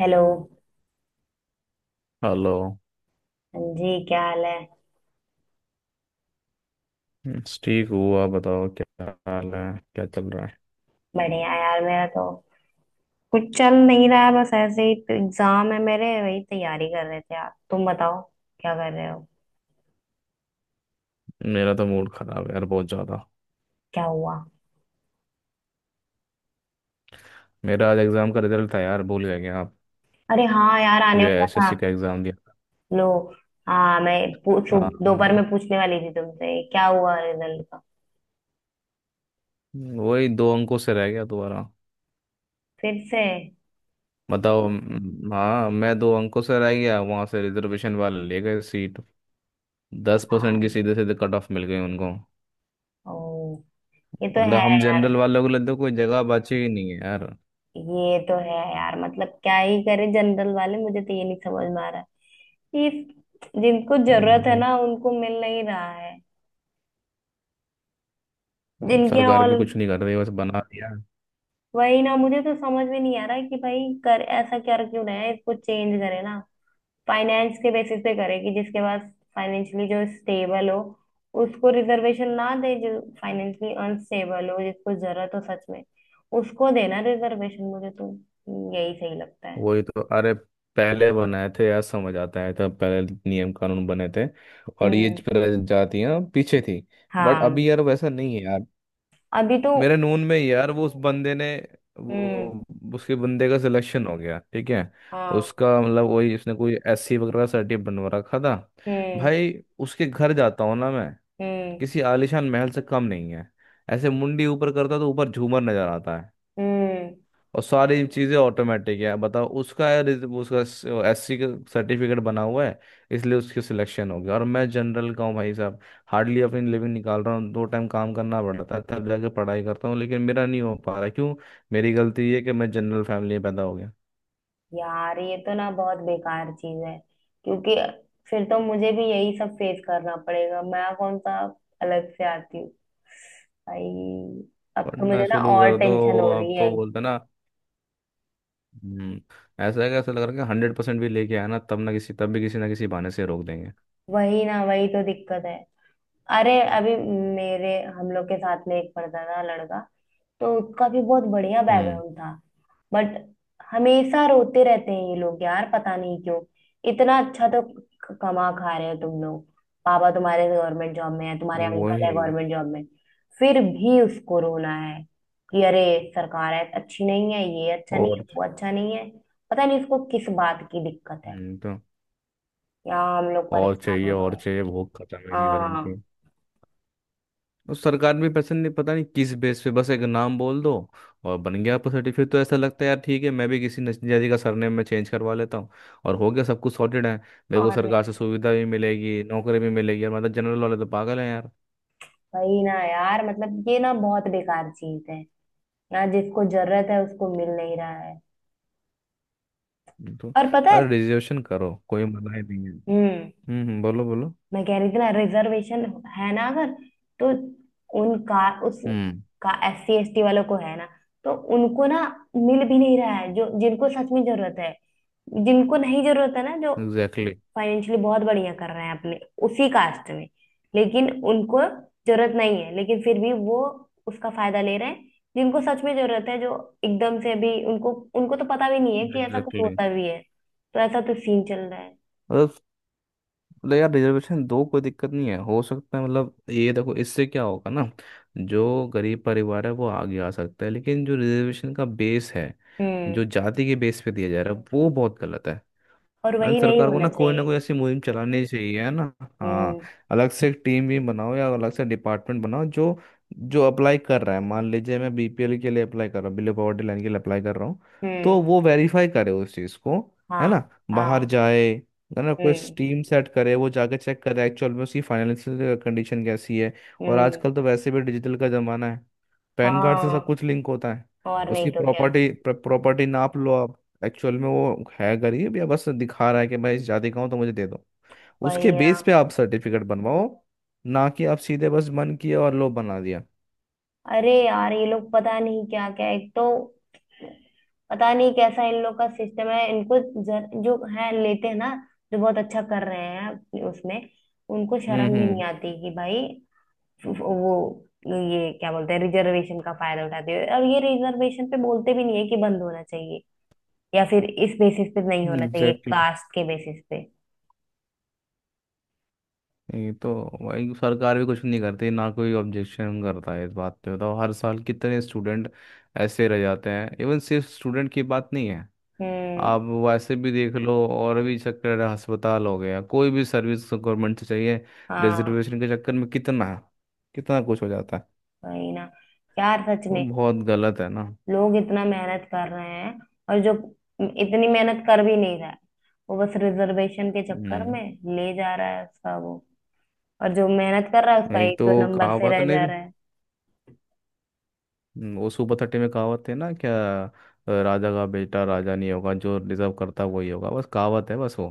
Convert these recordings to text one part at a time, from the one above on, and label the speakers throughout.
Speaker 1: Hello.
Speaker 2: Hello.
Speaker 1: हाँ जी, क्या हाल है?
Speaker 2: बस ठीक हूँ। आप बताओ, क्या हाल है? क्या चल रहा है?
Speaker 1: बढ़िया यार, मेरा तो कुछ चल नहीं रहा है, बस ऐसे ही। तो एग्जाम है मेरे, वही तैयारी कर रहे थे। आप तुम बताओ क्या कर रहे हो?
Speaker 2: मेरा तो मूड खराब है यार बहुत ज़्यादा।
Speaker 1: क्या हुआ?
Speaker 2: मेरा आज एग्ज़ाम का रिजल्ट था यार, भूल गए क्या आप?
Speaker 1: अरे हाँ यार,
Speaker 2: जो
Speaker 1: आने वाला था।
Speaker 2: एसएससी का एग्ज़ाम दिया था।
Speaker 1: लो। हाँ मैं पूछ...
Speaker 2: हाँ
Speaker 1: दोपहर
Speaker 2: हाँ,
Speaker 1: में पूछने वाली थी तुमसे क्या हुआ रिजल्ट का।
Speaker 2: वही, दो अंकों से रह गया दोबारा।
Speaker 1: फिर से?
Speaker 2: बताओ, हाँ, मैं दो अंकों से रह गया। वहाँ से रिजर्वेशन वाले ले गए सीट। दस परसेंट की
Speaker 1: यार।
Speaker 2: सीधे सीधे कट ऑफ मिल गई उनको।
Speaker 1: ओ। ये तो
Speaker 2: मतलब
Speaker 1: है
Speaker 2: हम
Speaker 1: यार।
Speaker 2: जनरल वालों के लिए तो कोई जगह बची ही नहीं है यार।
Speaker 1: ये तो है यार, मतलब क्या ही करे जनरल वाले। मुझे तो ये नहीं समझ में आ रहा है, ये जिनको जरूरत है
Speaker 2: मतलब
Speaker 1: ना, उनको मिल नहीं रहा है। जिनके
Speaker 2: सरकार भी
Speaker 1: ऑल...
Speaker 2: कुछ नहीं कर रही, बस बना दिया।
Speaker 1: वही ना, मुझे तो समझ में नहीं आ रहा है कि भाई कर ऐसा कर क्यों रहे हैं, इसको चेंज करे ना। फाइनेंस के बेसिस पे करे कि जिसके पास फाइनेंशियली जो स्टेबल हो उसको रिजर्वेशन ना दे। जो फाइनेंशियली अनस्टेबल हो, जिसको जरूरत हो सच में, उसको देना रिजर्वेशन। मुझे तो यही सही लगता है।
Speaker 2: वही तो, अरे, पहले बनाए थे यार, समझ आता है तब। पहले नियम कानून बने थे और ये
Speaker 1: हम्म।
Speaker 2: प्रजातियां पीछे थी। बट
Speaker 1: हाँ।
Speaker 2: अभी यार वैसा नहीं है यार।
Speaker 1: अभी तो...
Speaker 2: मेरे नून में यार, वो उस बंदे ने
Speaker 1: हम्म।
Speaker 2: वो उसके बंदे का सिलेक्शन हो गया, ठीक है।
Speaker 1: हाँ।
Speaker 2: उसका मतलब, वही, उसने कोई एससी वगैरह का सर्टिफिकेट बनवा रखा था
Speaker 1: हम्म।
Speaker 2: भाई। उसके घर जाता हूँ ना मैं,
Speaker 1: हम्म।
Speaker 2: किसी आलिशान महल से कम नहीं है। ऐसे मुंडी ऊपर करता तो ऊपर झूमर नजर आता
Speaker 1: हम्म।
Speaker 2: और सारी चीज़ें ऑटोमेटिक है। बताओ, उसका उसका एससी का सर्टिफिकेट बना हुआ है, इसलिए उसकी सिलेक्शन हो गया। और मैं जनरल का हूँ भाई साहब, हार्डली अपनी लिविंग निकाल रहा हूँ। दो टाइम काम करना पड़ता है तब जाके पढ़ाई करता हूँ, लेकिन मेरा नहीं हो पा रहा। क्यों? मेरी गलती ये है कि मैं जनरल फैमिली में पैदा हो गया।
Speaker 1: यार, ये तो ना बहुत बेकार चीज है। क्योंकि फिर तो मुझे भी यही सब फेस करना पड़ेगा। मैं कौन सा अलग से आती हूँ। भाई अब तो
Speaker 2: पढ़ना
Speaker 1: मुझे ना
Speaker 2: शुरू
Speaker 1: और हाँ
Speaker 2: कर
Speaker 1: तो
Speaker 2: दो,
Speaker 1: टेंशन हो
Speaker 2: आप
Speaker 1: रही है।
Speaker 2: तो बोलते ना। हम्म। ऐसा है कि ऐसा लग रहा है कि हंड्रेड परसेंट भी लेके आया ना, तब ना किसी तब भी किसी ना किसी बहाने से रोक देंगे।
Speaker 1: वही ना, वही तो दिक्कत है। अरे अभी मेरे हम लोग के साथ में एक पढ़ता था लड़का, तो उसका भी बहुत बढ़िया
Speaker 2: हम्म,
Speaker 1: बैकग्राउंड था। बट हमेशा रोते रहते हैं ये लोग यार, पता नहीं क्यों। इतना अच्छा तो कमा खा रहे हो तुम लोग। पापा तुम्हारे गवर्नमेंट जॉब में है, तुम्हारे अंकल है
Speaker 2: वही।
Speaker 1: गवर्नमेंट जॉब में। फिर भी उसको रोना है कि अरे सरकार है अच्छी नहीं है, ये अच्छा नहीं है,
Speaker 2: और
Speaker 1: वो अच्छा नहीं है। पता नहीं उसको किस बात की दिक्कत है।
Speaker 2: तो
Speaker 1: यहाँ हम लोग
Speaker 2: और
Speaker 1: परेशान
Speaker 2: चाहिए
Speaker 1: में पड़े
Speaker 2: और
Speaker 1: हैं।
Speaker 2: चाहिए, भूख खत्म ही नहीं हो रही इनकी।
Speaker 1: हाँ।
Speaker 2: और सरकार भी पसंद नहीं, पता नहीं किस बेस पे। बस एक नाम बोल दो और बन गया आपका सर्टिफिकेट। तो ऐसा लगता है यार, ठीक है, मैं भी किसी नजदीक का सरनेम में चेंज करवा लेता हूँ और हो गया, सब कुछ सॉर्टेड है। मेरे को
Speaker 1: और नहीं
Speaker 2: सरकार से
Speaker 1: तो।
Speaker 2: सुविधा भी मिलेगी, नौकरी भी मिलेगी यार। मतलब जनरल वाले तो पागल है यार।
Speaker 1: वही ना यार, मतलब ये ना बहुत बेकार चीज है। ना जिसको जरूरत है उसको मिल नहीं रहा है।
Speaker 2: तो
Speaker 1: और पता है...
Speaker 2: अरे, रिजर्वेशन करो, कोई मना ही नहीं है।
Speaker 1: हम्म।
Speaker 2: बोलो बोलो।
Speaker 1: मैं कह रही थी ना, रिजर्वेशन है ना, अगर तो उन का उस
Speaker 2: हम्म।
Speaker 1: का एस सी एस टी वालों को है ना, तो उनको ना मिल भी नहीं रहा है जो जिनको सच में जरूरत है। जिनको नहीं जरूरत है ना, जो
Speaker 2: एग्जैक्टली
Speaker 1: फाइनेंशियली बहुत बढ़िया कर रहे हैं अपने उसी कास्ट में, लेकिन उनको जरूरत नहीं है, लेकिन फिर भी वो उसका फायदा ले रहे हैं। जिनको सच में जरूरत है, जो एकदम से अभी उनको उनको तो पता भी नहीं है कि ऐसा कुछ
Speaker 2: एग्जैक्टली।
Speaker 1: होता भी है। तो ऐसा तो सीन चल रहा है।
Speaker 2: मतलब यार, रिजर्वेशन दो कोई दिक्कत नहीं है, हो सकता है। मतलब ये देखो, इससे क्या होगा ना, जो गरीब परिवार है वो आगे आ सकता है। लेकिन जो रिजर्वेशन का बेस है,
Speaker 1: हम्म।
Speaker 2: जो जाति के बेस पे दिया जा रहा है, वो बहुत गलत है।
Speaker 1: और
Speaker 2: अरे
Speaker 1: वही नहीं
Speaker 2: सरकार को
Speaker 1: होना
Speaker 2: ना
Speaker 1: चाहिए।
Speaker 2: कोई ऐसी मुहिम चलानी चाहिए, है ना। हाँ,
Speaker 1: हम्म।
Speaker 2: अलग से एक टीम भी बनाओ या अलग से डिपार्टमेंट बनाओ, जो जो अप्लाई कर रहा है, मान लीजिए मैं बीपीएल के लिए अप्लाई कर रहा हूँ, बिलो पॉवर्टी लाइन के लिए अप्लाई कर रहा हूँ,
Speaker 1: हम्म।
Speaker 2: तो वो वेरीफाई करे उस चीज़ को, है ना।
Speaker 1: हाँ।
Speaker 2: बाहर
Speaker 1: हाँ।
Speaker 2: जाए, है ना, कोई
Speaker 1: हम्म।
Speaker 2: टीम सेट करे, वो जाके चेक करे एक्चुअल में उसकी फाइनेंशियल कंडीशन कैसी है। और
Speaker 1: हम्म।
Speaker 2: आजकल तो वैसे भी डिजिटल का ज़माना है, पैन कार्ड से सब
Speaker 1: हाँ।
Speaker 2: कुछ लिंक होता है।
Speaker 1: और
Speaker 2: उसकी
Speaker 1: नहीं तो क्या।
Speaker 2: प्रॉपर्टी, प्रॉपर्टी नाप लो आप, एक्चुअल में वो है गरीब, या बस दिखा रहा है कि मैं इस जाति का हूँ तो मुझे दे दो। उसके
Speaker 1: वही ना।
Speaker 2: बेस पे आप सर्टिफिकेट बनवाओ, ना कि आप सीधे बस मन किया और लो बना दिया।
Speaker 1: अरे यार ये लोग पता नहीं क्या क्या, एक तो पता नहीं कैसा इन लोग का सिस्टम है। इनको जो है लेते हैं ना, जो बहुत अच्छा कर रहे हैं अपने उसमें उनको शर्म भी नहीं
Speaker 2: हम्म।
Speaker 1: आती कि भाई वो ये क्या बोलते हैं, रिजर्वेशन का फायदा उठाते हैं, और ये रिजर्वेशन पे बोलते भी नहीं है कि बंद होना चाहिए, या फिर इस बेसिस पे नहीं होना चाहिए,
Speaker 2: एग्जैक्टली।
Speaker 1: कास्ट के बेसिस पे।
Speaker 2: ये तो, भाई सरकार भी कुछ नहीं करती ना, कोई ऑब्जेक्शन करता है इस बात पे? बताओ, हर साल कितने स्टूडेंट ऐसे रह जाते हैं। इवन सिर्फ स्टूडेंट की बात नहीं है,
Speaker 1: हम्म।
Speaker 2: आप वैसे भी देख लो और भी चक्कर है, अस्पताल हो गया, कोई भी सर्विस गवर्नमेंट से चाहिए,
Speaker 1: हाँ।
Speaker 2: रिजर्वेशन के चक्कर में कितना है, कितना कुछ हो जाता है।
Speaker 1: वही ना यार, सच
Speaker 2: वो
Speaker 1: में
Speaker 2: बहुत गलत है ना।
Speaker 1: लोग इतना मेहनत कर रहे हैं, और जो इतनी मेहनत कर भी नहीं रहा है, वो बस रिजर्वेशन के चक्कर
Speaker 2: हम्म।
Speaker 1: में ले जा रहा है उसका वो। और जो मेहनत कर रहा है उसका
Speaker 2: एक
Speaker 1: एक
Speaker 2: तो
Speaker 1: दो नंबर से
Speaker 2: कहावत
Speaker 1: रह
Speaker 2: नहीं
Speaker 1: जा
Speaker 2: थी।
Speaker 1: रहा है।
Speaker 2: वो सुपर थर्टी में कहावत थे ना, क्या? राजा का बेटा राजा नहीं होगा, जो डिजर्व करता वही होगा। बस कहावत है, बस वो,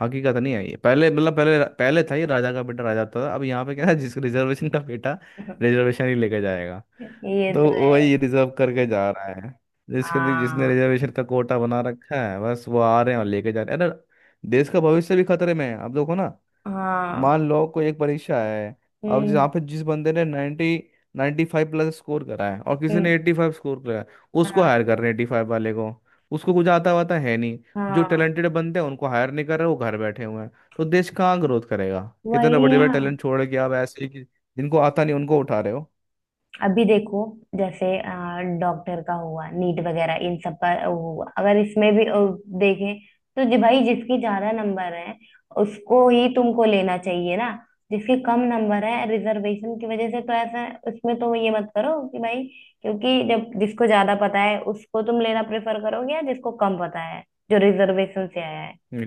Speaker 2: हकीकत नहीं है ये। पहले, मतलब पहले पहले था ये, राजा का बेटा राजा होता था। अब यहाँ पे क्या है, जिसको रिजर्वेशन का बेटा, रिजर्वेशन ही लेके जाएगा।
Speaker 1: ये तो
Speaker 2: तो
Speaker 1: है।
Speaker 2: वही रिजर्व करके जा रहा है। जिसके जिसने
Speaker 1: हाँ।
Speaker 2: रिजर्वेशन का कोटा बना रखा है, बस वो आ रहे हैं और लेके जा रहे हैं। अरे, देश का भविष्य भी खतरे में है। अब देखो ना,
Speaker 1: हाँ।
Speaker 2: मान लो कोई एक परीक्षा है, अब
Speaker 1: हम्म।
Speaker 2: जहाँ पे जिस बंदे ने 90 नाइन्टी फाइव प्लस स्कोर करा है और किसी
Speaker 1: हम्म।
Speaker 2: ने एट्टी फाइव स्कोर करा है, उसको
Speaker 1: हाँ।
Speaker 2: हायर कर रहे हैं एट्टी फाइव वाले को। उसको कुछ आता वाता है नहीं। जो
Speaker 1: हाँ।
Speaker 2: टैलेंटेड बंदे हैं उनको हायर नहीं कर रहे, वो घर बैठे हुए हैं। तो देश कहाँ ग्रोथ करेगा इतने
Speaker 1: वही
Speaker 2: बड़े
Speaker 1: है।
Speaker 2: बड़े टैलेंट छोड़ के? आप ऐसे ही कि जिनको आता नहीं उनको उठा रहे
Speaker 1: अभी देखो, जैसे डॉक्टर का हुआ, नीट वगैरह इन सब का हुआ, अगर इसमें भी देखें, तो जी भाई जिसकी ज्यादा नंबर है उसको ही तुमको लेना चाहिए ना। जिसके कम नंबर है रिजर्वेशन की वजह से, तो ऐसा उसमें तो ये मत करो कि भाई, क्योंकि जब जिसको ज्यादा पता है उसको तुम लेना प्रेफर करोगे या जिसको कम पता है जो रिजर्वेशन से आया है।
Speaker 2: हो।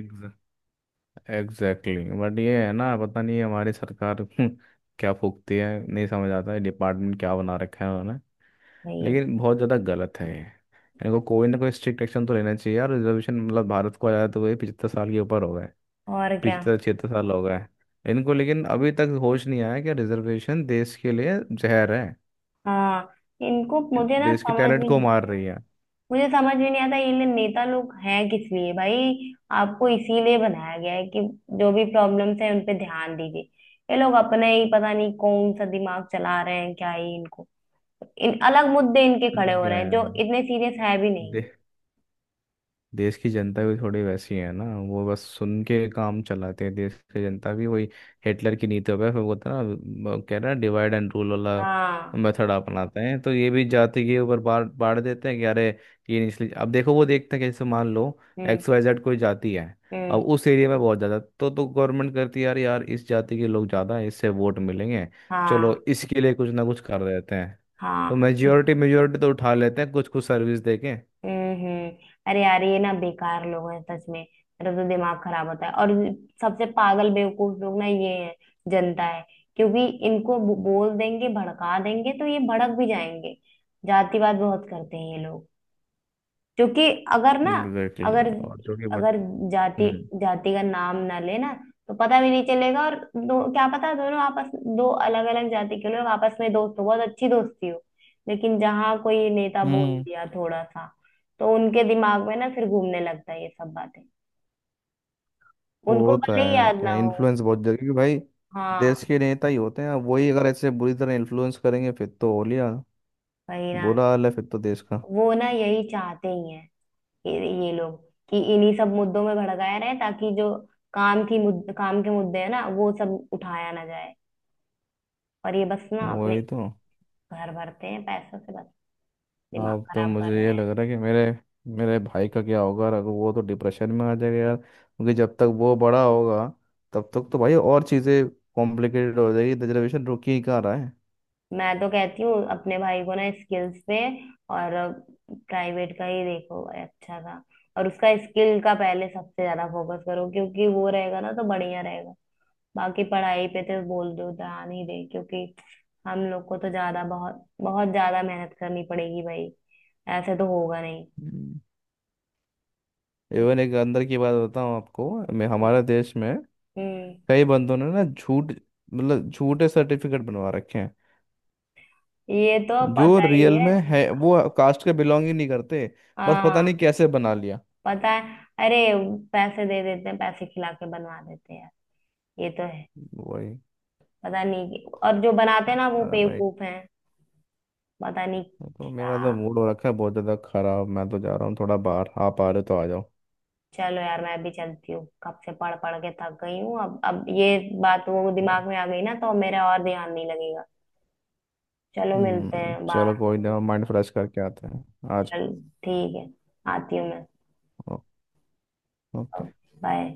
Speaker 2: एग्जैक्टली बट ये है ना, पता नहीं हमारी सरकार क्या फूकती है, नहीं समझ आता है, डिपार्टमेंट क्या बना रखा है उन्होंने।
Speaker 1: वही है।
Speaker 2: लेकिन बहुत ज़्यादा गलत है ये, इनको कोई ना कोई स्ट्रिक्ट एक्शन तो लेना चाहिए यार। रिजर्वेशन मतलब भारत को आया, तो वही पिछहत्तर साल के ऊपर हो गए।
Speaker 1: और क्या।
Speaker 2: पिछहत्तर छिहत्तर साल हो गए इनको, लेकिन अभी तक होश नहीं आया कि रिजर्वेशन देश के लिए जहर है,
Speaker 1: हाँ। इनको मुझे ना
Speaker 2: देश के
Speaker 1: समझ
Speaker 2: टैलेंट
Speaker 1: भी
Speaker 2: को
Speaker 1: नहीं।
Speaker 2: मार रही है।
Speaker 1: मुझे समझ में नहीं आता ये नेता लोग हैं किस लिए भाई। आपको इसीलिए बनाया गया है कि जो भी प्रॉब्लम्स हैं उन पे ध्यान दीजिए। ये लोग अपना ही पता नहीं कौन सा दिमाग चला रहे हैं। क्या ही इनको। इन अलग मुद्दे इनके खड़े
Speaker 2: पता
Speaker 1: हो रहे
Speaker 2: क्या
Speaker 1: हैं जो
Speaker 2: है,
Speaker 1: इतने सीरियस है भी नहीं।
Speaker 2: दे, देश की जनता भी थोड़ी वैसी है ना, वो बस सुन के काम चलाते हैं। देश की जनता भी वही हिटलर की नीतियों पे, फिर वो था ना, वो कह रहा है, डिवाइड एंड रूल वाला
Speaker 1: हाँ।
Speaker 2: मेथड अपनाते हैं। तो ये भी जाति के ऊपर बांट बांट देते हैं कि अरे ये निचली, अब देखो, वो देखते हैं कि जैसे मान लो
Speaker 1: हम्म।
Speaker 2: एक्स वाई जेड कोई जाति है, अब
Speaker 1: हम्म।
Speaker 2: उस एरिया में बहुत ज़्यादा, तो गवर्नमेंट करती है यार, इस जाति के लोग ज़्यादा हैं, इससे वोट मिलेंगे, चलो
Speaker 1: हाँ।
Speaker 2: इसके लिए कुछ ना कुछ कर देते हैं। तो
Speaker 1: हाँ।
Speaker 2: मेजोरिटी मेजोरिटी तो उठा लेते हैं कुछ कुछ सर्विस देके।
Speaker 1: हम्म। हम्म। अरे यार ये ना बेकार लोग हैं सच में, मेरा तो दिमाग खराब होता है। और सबसे पागल बेवकूफ लोग ना ये है, जनता है। क्योंकि इनको बोल देंगे, भड़का देंगे तो ये भड़क भी जाएंगे। जातिवाद बहुत करते हैं ये लोग। क्योंकि अगर ना,
Speaker 2: एग्जैक्टली
Speaker 1: अगर
Speaker 2: और जो कि बच,
Speaker 1: अगर जाति,
Speaker 2: हम्म
Speaker 1: जाति का नाम ना लेना तो पता भी नहीं चलेगा। और दो, क्या पता, दोनों आपस... दो अलग अलग जाति के लोग आपस में दोस्त हो, बहुत अच्छी दोस्ती हो, लेकिन जहाँ कोई नेता बोल
Speaker 2: हम्म।
Speaker 1: दिया थोड़ा सा, तो उनके दिमाग में ना फिर घूमने लगता है ये सब बातें। उनको
Speaker 2: वो तो
Speaker 1: भले ही
Speaker 2: है,
Speaker 1: याद ना
Speaker 2: क्या
Speaker 1: हो।
Speaker 2: इन्फ्लुएंस बहुत जगह, क्योंकि भाई
Speaker 1: हाँ।
Speaker 2: देश के नेता ही होते हैं। अब वही अगर ऐसे बुरी तरह इन्फ्लुएंस करेंगे, फिर तो हो लिया,
Speaker 1: वही ना।
Speaker 2: बुरा हाल है फिर तो देश का।
Speaker 1: वो ना यही चाहते ही हैं, ये, ये लोग, कि इन्हीं सब मुद्दों में भड़काया रहे ताकि जो काम की मुद्दे, काम के मुद्दे है ना, वो सब उठाया ना जाए, और ये बस ना अपने
Speaker 2: वही तो।
Speaker 1: घर भरते हैं पैसों से बस। दिमाग
Speaker 2: अब तो
Speaker 1: खराब कर
Speaker 2: मुझे
Speaker 1: रहे
Speaker 2: ये
Speaker 1: हैं।
Speaker 2: लग रहा है कि मेरे मेरे भाई का क्या होगा? अगर वो तो डिप्रेशन में आ जाएगा यार, क्योंकि जब तक वो बड़ा होगा तब तक तो भाई और चीज़ें कॉम्प्लिकेटेड हो जाएगी, रिजर्वेशन रुक ही कहाँ रहा है।
Speaker 1: मैं तो कहती हूँ अपने भाई को ना, स्किल्स पे, और प्राइवेट का ही देखो, अच्छा था। और उसका स्किल का पहले सबसे ज्यादा फोकस करो, क्योंकि वो रहेगा ना तो बढ़िया रहेगा। बाकी पढ़ाई पे तो बोल दो ध्यान ही दे, क्योंकि हम लोग को तो ज्यादा, बहुत बहुत ज्यादा मेहनत करनी पड़ेगी भाई, ऐसे तो होगा नहीं। हम्म।
Speaker 2: इवन एक अंदर की बात बताऊँ आपको, मैं
Speaker 1: हम्म,
Speaker 2: हमारे देश में
Speaker 1: हम्म।
Speaker 2: कई बंदों ने ना, झूठ, मतलब झूठे सर्टिफिकेट बनवा रखे हैं।
Speaker 1: ये तो
Speaker 2: जो
Speaker 1: पता ही
Speaker 2: रियल
Speaker 1: है।
Speaker 2: में है, वो कास्ट के बिलोंग ही नहीं करते, बस पता नहीं
Speaker 1: हाँ।
Speaker 2: कैसे बना लिया।
Speaker 1: पता है। अरे पैसे दे देते हैं, पैसे खिला के बनवा देते हैं यार, ये तो है।
Speaker 2: वही।
Speaker 1: पता नहीं कि- और जो बनाते हैं ना वो
Speaker 2: अरे भाई,
Speaker 1: बेवकूफ हैं। पता नहीं।
Speaker 2: तो मेरा तो
Speaker 1: क्या?
Speaker 2: मूड हो रखा है बहुत ज्यादा खराब। मैं तो जा रहा हूँ थोड़ा बाहर, आप आ रहे हो तो आ जाओ।
Speaker 1: चलो यार, मैं भी चलती हूँ, कब से पढ़ पढ़ के थक गई हूँ। अब ये बात वो दिमाग में आ गई ना, तो अब मेरा और ध्यान नहीं लगेगा। चलो मिलते
Speaker 2: हम्म,
Speaker 1: हैं
Speaker 2: चलो
Speaker 1: बाहर।
Speaker 2: कोई ना, माइंड फ्रेश करके आते हैं आज।
Speaker 1: चल। ठीक है, आती हूँ मैं।
Speaker 2: ओ- ओके।
Speaker 1: बाय।